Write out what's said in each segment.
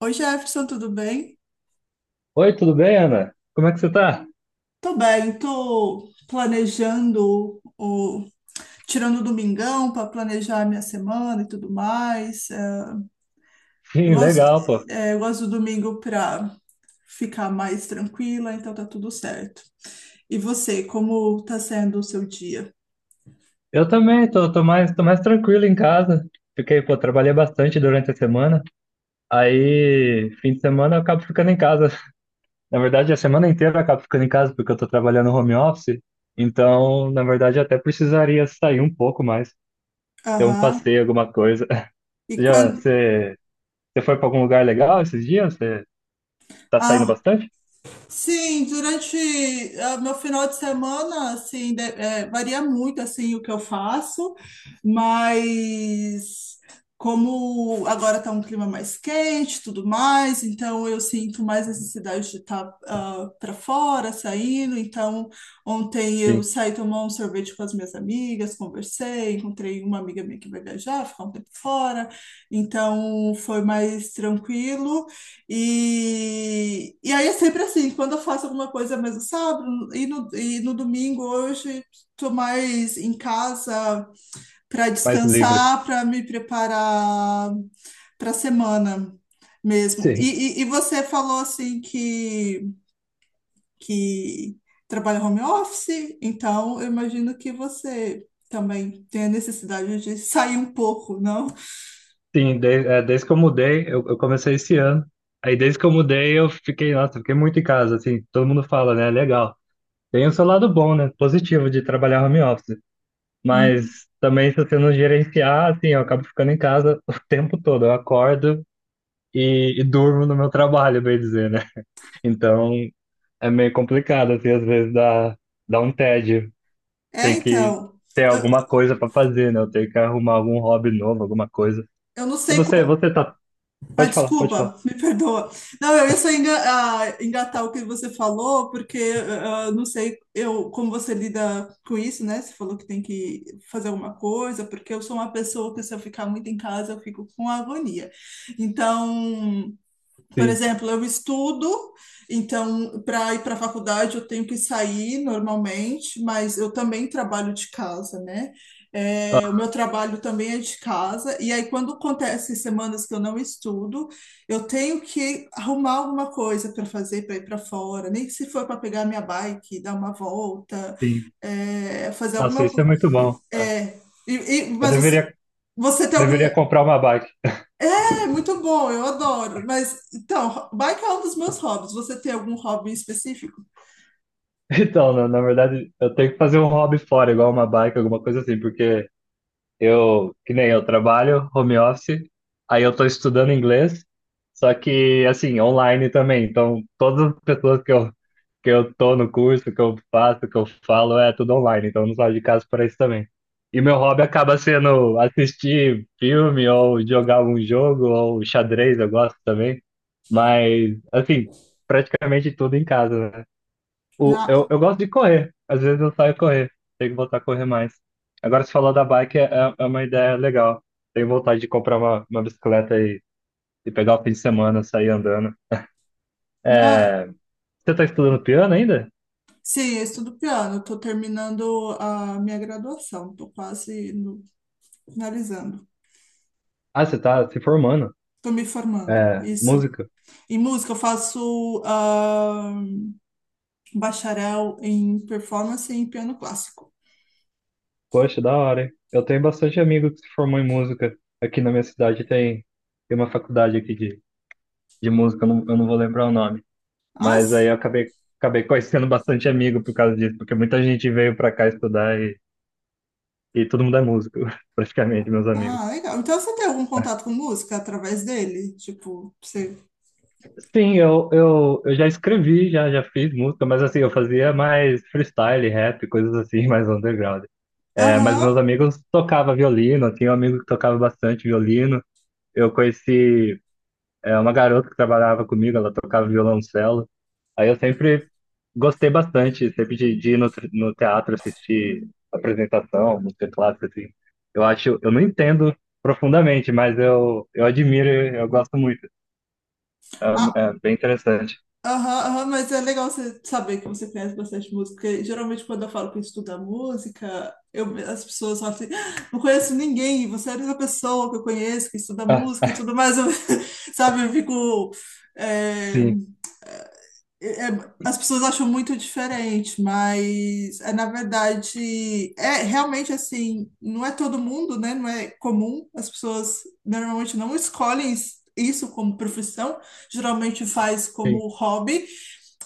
Oi, Jefferson, tudo bem? Oi, tudo bem, Ana? Como é que você tá? Tô bem, tô planejando o tirando o domingão para planejar a minha semana e tudo mais. Eu Sim, gosto, legal, pô. eu gosto do domingo para ficar mais tranquila, então tá tudo certo. E você, como tá sendo o seu dia? Eu também, tô mais tranquilo em casa. Fiquei, pô, trabalhei bastante durante a semana. Aí, fim de semana eu acabo ficando em casa. Na verdade, a semana inteira eu acabo ficando em casa porque eu tô trabalhando home office. Então, na verdade, eu até precisaria sair um pouco mais, ter um Aham. passeio, alguma coisa. E Já, quando? você, você foi pra algum lugar legal esses dias? Você tá saindo bastante? Sim, durante meu final de semana, assim, varia muito, assim, o que eu faço, mas como agora está um clima mais quente, e tudo mais, então eu sinto mais necessidade de estar para fora, saindo, então ontem eu Sim, saí tomar um sorvete com as minhas amigas, conversei, encontrei uma amiga minha que vai viajar, ficar um tempo fora, então foi mais tranquilo, e aí é sempre assim, quando eu faço alguma coisa mais no sábado e no domingo hoje estou mais em casa para mais livre. descansar, para me preparar para a semana mesmo. Sim. E você falou assim que trabalha home office, então eu imagino que você também tem a necessidade de sair um pouco, não? Sim, desde que eu mudei, eu comecei esse ano. Aí desde que eu mudei, eu fiquei, nossa, fiquei muito em casa, assim, todo mundo fala, né? Legal. Tem o seu lado bom, né? Positivo de trabalhar home office. Uhum. Mas também se você não gerenciar, assim, eu acabo ficando em casa o tempo todo. Eu acordo e durmo no meu trabalho, bem dizer, né? Então é meio complicado, assim, às vezes dá um tédio. É, Tem que então. ter Eu, alguma coisa para fazer, né? Eu tenho que arrumar algum hobby novo, alguma coisa. eu não E sei. você, você tá. Ah, Pode falar, pode falar. desculpa, me perdoa. Não, eu ia só engatar o que você falou, porque não sei eu como você lida com isso, né? Você falou que tem que fazer alguma coisa, porque eu sou uma pessoa que se eu ficar muito em casa, eu fico com agonia. Então, por Sim, exemplo, eu estudo, então para ir para a faculdade eu tenho que sair normalmente, mas eu também trabalho de casa, né? É, ah, o meu trabalho também é de casa, e aí quando acontece semanas que eu não estudo, eu tenho que arrumar alguma coisa para fazer para ir para fora, nem que se for para pegar minha bike, dar uma volta, sim. Fazer Nossa, alguma isso é coisa. muito bom. É. É, e, Eu mas você, deveria, você tem algum. deveria comprar uma bike. É muito bom, eu adoro. Mas então, bike é um dos meus hobbies. Você tem algum hobby específico? Então, na verdade, eu tenho que fazer um hobby fora, igual uma bike, alguma coisa assim, porque eu, que nem eu trabalho home office, aí eu tô estudando inglês, só que assim, online também. Então, todas as pessoas que eu tô no curso, que eu faço, que eu falo, é tudo online, então eu não saio de casa para isso também. E meu hobby acaba sendo assistir filme ou jogar um jogo ou xadrez, eu gosto também. Mas assim, praticamente tudo em casa, né? Na, O, eu gosto de correr. Às vezes eu saio correr. Tenho que voltar a correr mais. Agora, você falou da bike, é uma ideia legal. Tenho vontade de comprar uma bicicleta e pegar o fim de semana, sair andando. na. É, você tá estudando piano ainda? Sim, eu estudo piano. Estou terminando a minha graduação. Estou quase finalizando. Ah, você tá se formando. Estou me formando. É, Isso. música. Em música, eu faço bacharel em performance e em piano clássico. Poxa, da hora, hein? Eu tenho bastante amigo que se formou em música. Aqui na minha cidade tem, tem uma faculdade aqui de música, eu não vou lembrar o nome. Ah, Mas aí eu acabei conhecendo bastante amigo por causa disso, porque muita gente veio pra cá estudar. E todo mundo é músico, praticamente, meus amigos. Legal. Então, você tem algum contato com música através dele? Tipo, você... Sim, eu já escrevi, já fiz música, mas assim, eu fazia mais freestyle, rap, coisas assim, mais underground. É, mas Aham. meus amigos tocavam violino, eu tinha um amigo que tocava bastante violino. Eu conheci, uma garota que trabalhava comigo, ela tocava violoncelo. Aí eu sempre gostei bastante, sempre de ir no, no teatro assistir apresentação, música clássica, assim. Eu acho, eu não entendo profundamente, mas eu admiro, e eu gosto muito. É, é bem interessante. Aham, aham, mas é legal você saber que você conhece bastante música, porque geralmente quando eu falo que estuda música, as pessoas falam assim, "Ah, não conheço ninguém, você é a única pessoa que eu conheço que estuda Ah, música e tudo mais, sabe, eu fico... é, sim, as pessoas acham muito diferente, mas na verdade, é realmente assim, não é todo mundo, né? Não é comum, as pessoas normalmente não escolhem isso como profissão, geralmente faz sim, como hobby,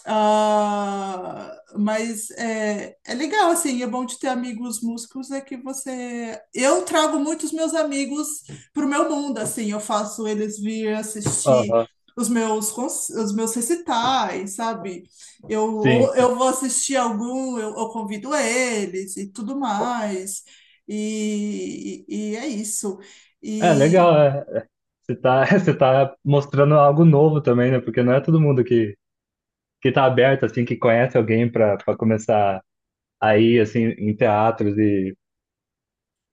mas é legal, assim, é bom de ter amigos músicos, é que você... Eu trago muitos meus amigos pro meu mundo, assim, eu faço eles vir assistir aham, os meus recitais, sabe? Eu, sim. ou eu vou assistir algum, eu convido eles e tudo mais. E é isso. É E legal, é. Você tá, você tá mostrando algo novo também, né? Porque não é todo mundo que tá aberto, assim, que conhece alguém para começar a ir, assim, em teatros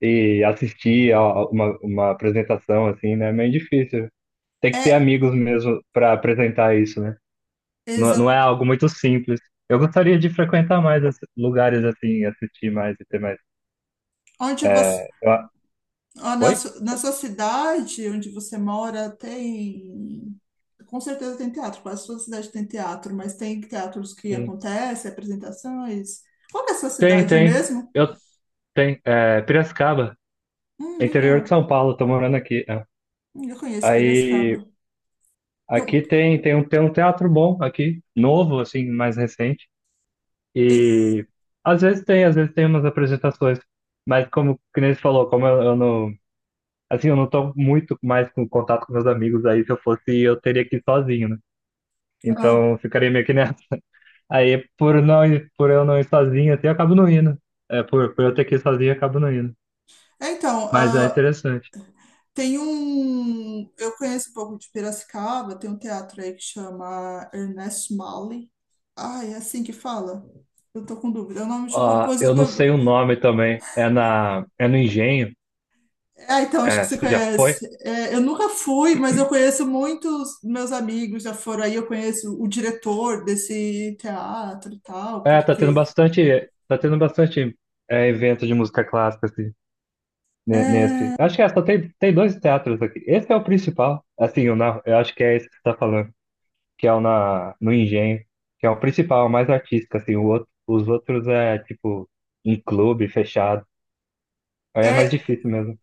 e assistir a uma apresentação assim, né? É meio difícil. Tem que ter é amigos mesmo para apresentar isso, né? Não, não exatamente é algo muito simples. Eu gostaria de frequentar mais esses lugares assim, assistir mais e ter mais. onde você. É, eu a- Ah, na, Oi? su- na sua cidade onde você mora, tem. Com certeza tem teatro, quase toda cidade tem teatro, mas tem teatros que Sim. acontecem, apresentações. Qual que é a sua Tem, cidade tem. mesmo? Eu tenho. É, Piracicaba, interior de Legal. São Paulo, tô morando aqui. É. Eu conheço Aí Piracicaba. Então, aqui tem, tem um teatro bom aqui, novo, assim, mais recente. e- E às vezes tem umas apresentações, mas como que nem falou, como eu não, assim, eu não tô muito mais com contato com meus amigos, aí se eu fosse, eu teria que ir sozinho, né? ah, Então eu ficaria meio que nessa. Aí por por eu não ir sozinho, assim, eu acabo não indo. É, por eu ter que ir sozinho, eu acabo não indo. é, então, Mas é ah, interessante. tem um. Eu conheço um pouco de Piracicaba, tem um teatro aí que chama Ernest Mali. Ah, é assim que fala? Eu tô com dúvida. É o nome de um Ah, eu não compositor. sei o nome também. É no Engenho. Ah, então acho que É, você você já foi? conhece. É, eu nunca fui, mas eu conheço muitos meus amigos já foram aí. Eu conheço o diretor desse teatro e tal, É, porque tá tendo bastante evento de música clássica, assim. É, Nesse. Acho que é, só tem, tem dois teatros aqui. Esse é o principal. Assim, eu acho que é esse que você tá falando, que é no Engenho, que é o principal, o mais artístico, assim. O outro, os outros é, tipo, em clube, fechado. Aí é mais é difícil mesmo.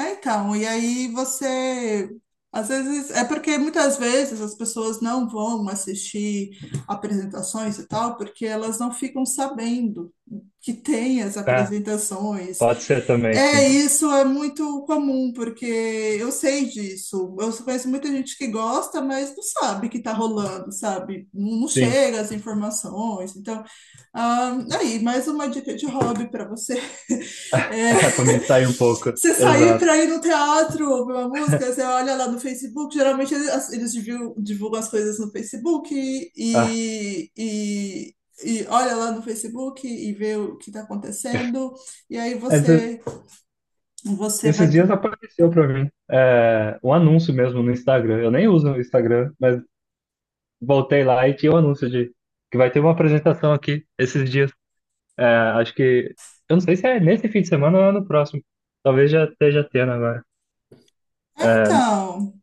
É, então, e aí você. Às vezes, é porque muitas vezes as pessoas não vão assistir apresentações e tal, porque elas não ficam sabendo que tem as É, apresentações. pode ser também, É, sim. isso é muito comum, porque eu sei disso. Eu conheço muita gente que gosta, mas não sabe que está rolando, sabe? Não Sim. chega as informações. Então, aí, mais uma dica de hobby para você. É, É, pra mim sair um pouco. você sair Exato. para ir no teatro ouvir uma música, você olha lá no Facebook, geralmente eles divulgam as coisas no Facebook Ah, e olha lá no Facebook e vê o que está acontecendo, e aí esse- você esses vai. Dias apareceu para mim um anúncio mesmo no Instagram. Eu nem uso o Instagram, mas voltei lá e tinha um anúncio de que vai ter uma apresentação aqui esses dias. É, acho que. Eu não sei se é nesse fim de semana ou é no próximo. Talvez já esteja tendo agora. É, É, então,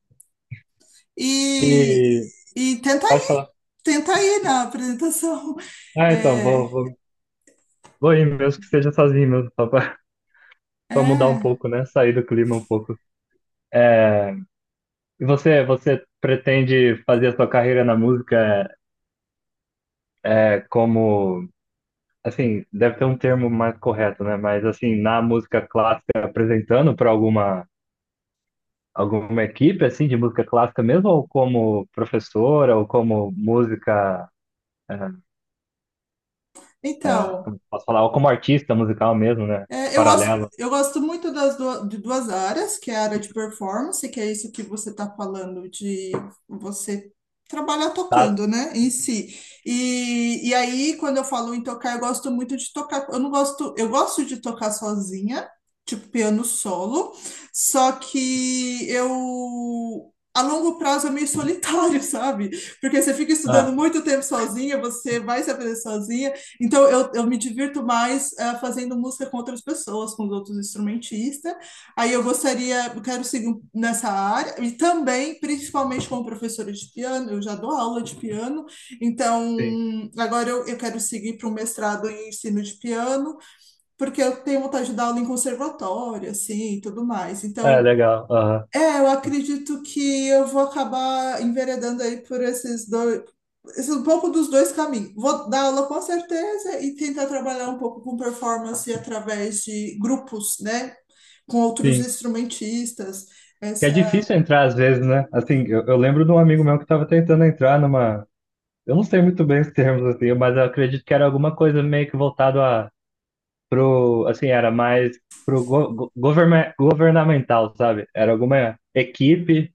e, e e tenta, pode falar. tenta ir na apresentação. Ah, então, É, vou ir mesmo que seja sozinho mesmo, só pra, pra mudar um é, pouco, né? Sair do clima um pouco. E você, você pretende fazer a sua carreira na música é como. Assim, deve ter um termo mais correto, né? Mas assim, na música clássica, apresentando para alguma equipe assim de música clássica mesmo, ou como professora, ou como música é, então. Posso falar, ou como artista musical mesmo, né? É, eu gosto, Paralelo. eu gosto muito das de duas áreas, que é a área de performance, que é isso que você está falando de você trabalhar Tá, tocando, né, em si. E aí, quando eu falo em tocar, eu gosto muito de tocar. Eu não gosto, eu gosto de tocar sozinha, tipo piano solo, só que eu A longo prazo é meio solitário, sabe? Porque você fica estudando ah, muito tempo sozinha, você vai se aprender sozinha, então, eu me divirto mais fazendo música com outras pessoas, com os outros instrumentistas. Aí eu gostaria, eu quero seguir nessa área, e também, principalmente como professora de piano, eu já dou aula de piano, então sim. agora eu quero seguir para um mestrado em ensino de piano, porque eu tenho vontade de dar aula em conservatório, assim, e tudo mais. É, Então, legal. Aham, eu acredito que eu vou acabar enveredando aí por esses dois, um pouco dos dois caminhos. Vou dar aula com certeza e tentar trabalhar um pouco com performance através de grupos, né? Com outros sim. instrumentistas. Que é Essa... difícil entrar às vezes, né? Assim, eu lembro de um amigo meu que estava tentando entrar numa. Eu não sei muito bem os termos, assim, mas eu acredito que era alguma coisa meio que voltado a. Pro, assim, era mais pro governamental, sabe? Era alguma equipe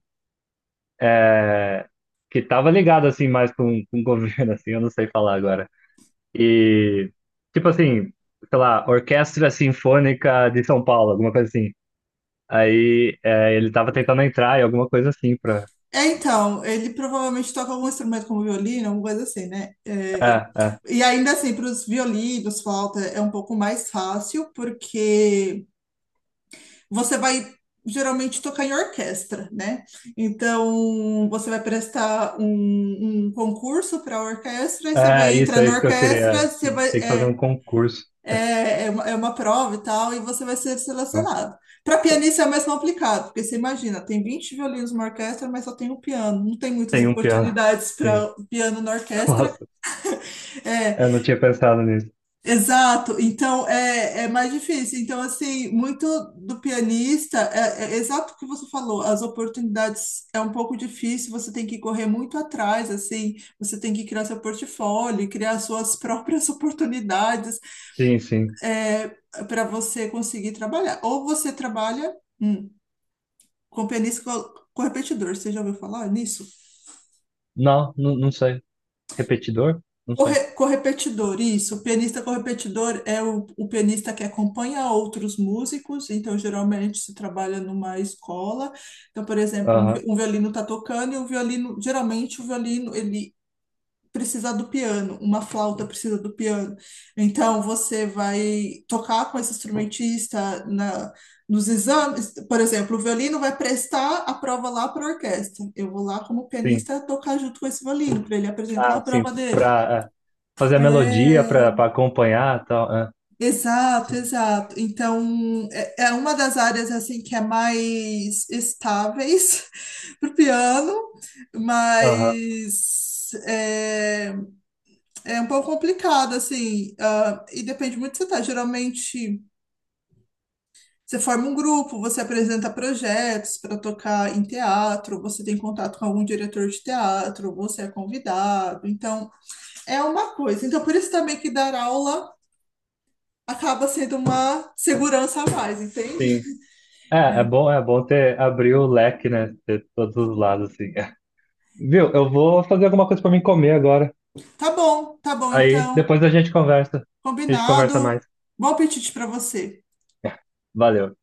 é, que estava ligada, assim, mais com o governo, assim, eu não sei falar agora. E, tipo assim, sei lá, Orquestra Sinfônica de São Paulo, alguma coisa assim. Ele tava tentando entrar em alguma coisa assim pra. É, então, ele provavelmente toca algum instrumento como violino, alguma coisa assim, né? É, É, e ainda assim, para os violinos, flauta é um pouco mais fácil, porque você vai geralmente tocar em orquestra, né? Então, você vai prestar um concurso para a orquestra, aí você vai é, entrar é na isso que eu queria. orquestra, você vai, Tem que fazer um concurso. É uma prova e tal, e você vai ser Né? selecionado. Para pianista é mais complicado, porque você imagina, tem 20 violinos numa orquestra, mas só tem um piano, não tem muitas Tem um piano. oportunidades Sim. para piano na orquestra. Nossa, É, eu não tinha pensado nisso. exato, então é mais difícil. Então, assim, muito do pianista, é exato o que você falou, as oportunidades é um pouco difícil, você tem que correr muito atrás, assim, você tem que criar seu portfólio, criar suas próprias oportunidades Sim, sim. é, para você conseguir trabalhar. Ou você trabalha hum, com pianista com repetidor, você já ouviu falar nisso? Não, não, não sei. Repetidor? Não sei. Correpetidor, isso. O pianista correpetidor é o pianista que acompanha outros músicos, então geralmente se trabalha numa escola. Então, por exemplo, um, Aham, vi- um violino está tocando e o violino, geralmente o violino, ele precisa do piano, uma flauta precisa do piano. Então, você vai tocar com esse instrumentista nos exames, por exemplo, o violino vai prestar a prova lá para a orquestra. Eu vou lá como sim. pianista tocar junto com esse violino, para ele apresentar a Ah, sim. prova dele. Pra fazer a melodia, É, pra acompanhar e tal. É, exato, sim. exato. Então, é uma das áreas assim que é mais estáveis para o piano, Aham, mas é um pouco complicado, assim, e depende muito do que você tá. Geralmente, você forma um grupo, você apresenta projetos para tocar em teatro, você tem contato com algum diretor de teatro, você é convidado. Então, é uma coisa. Então, por isso também que dar aula acaba sendo uma segurança a mais, entende? sim. É, é bom ter abrir o leque, né? Ter todos os lados, assim. Viu? Eu vou fazer alguma coisa pra mim comer agora. Tá bom, Aí então. depois a gente conversa. A gente conversa Combinado. mais. Bom apetite para você. Valeu.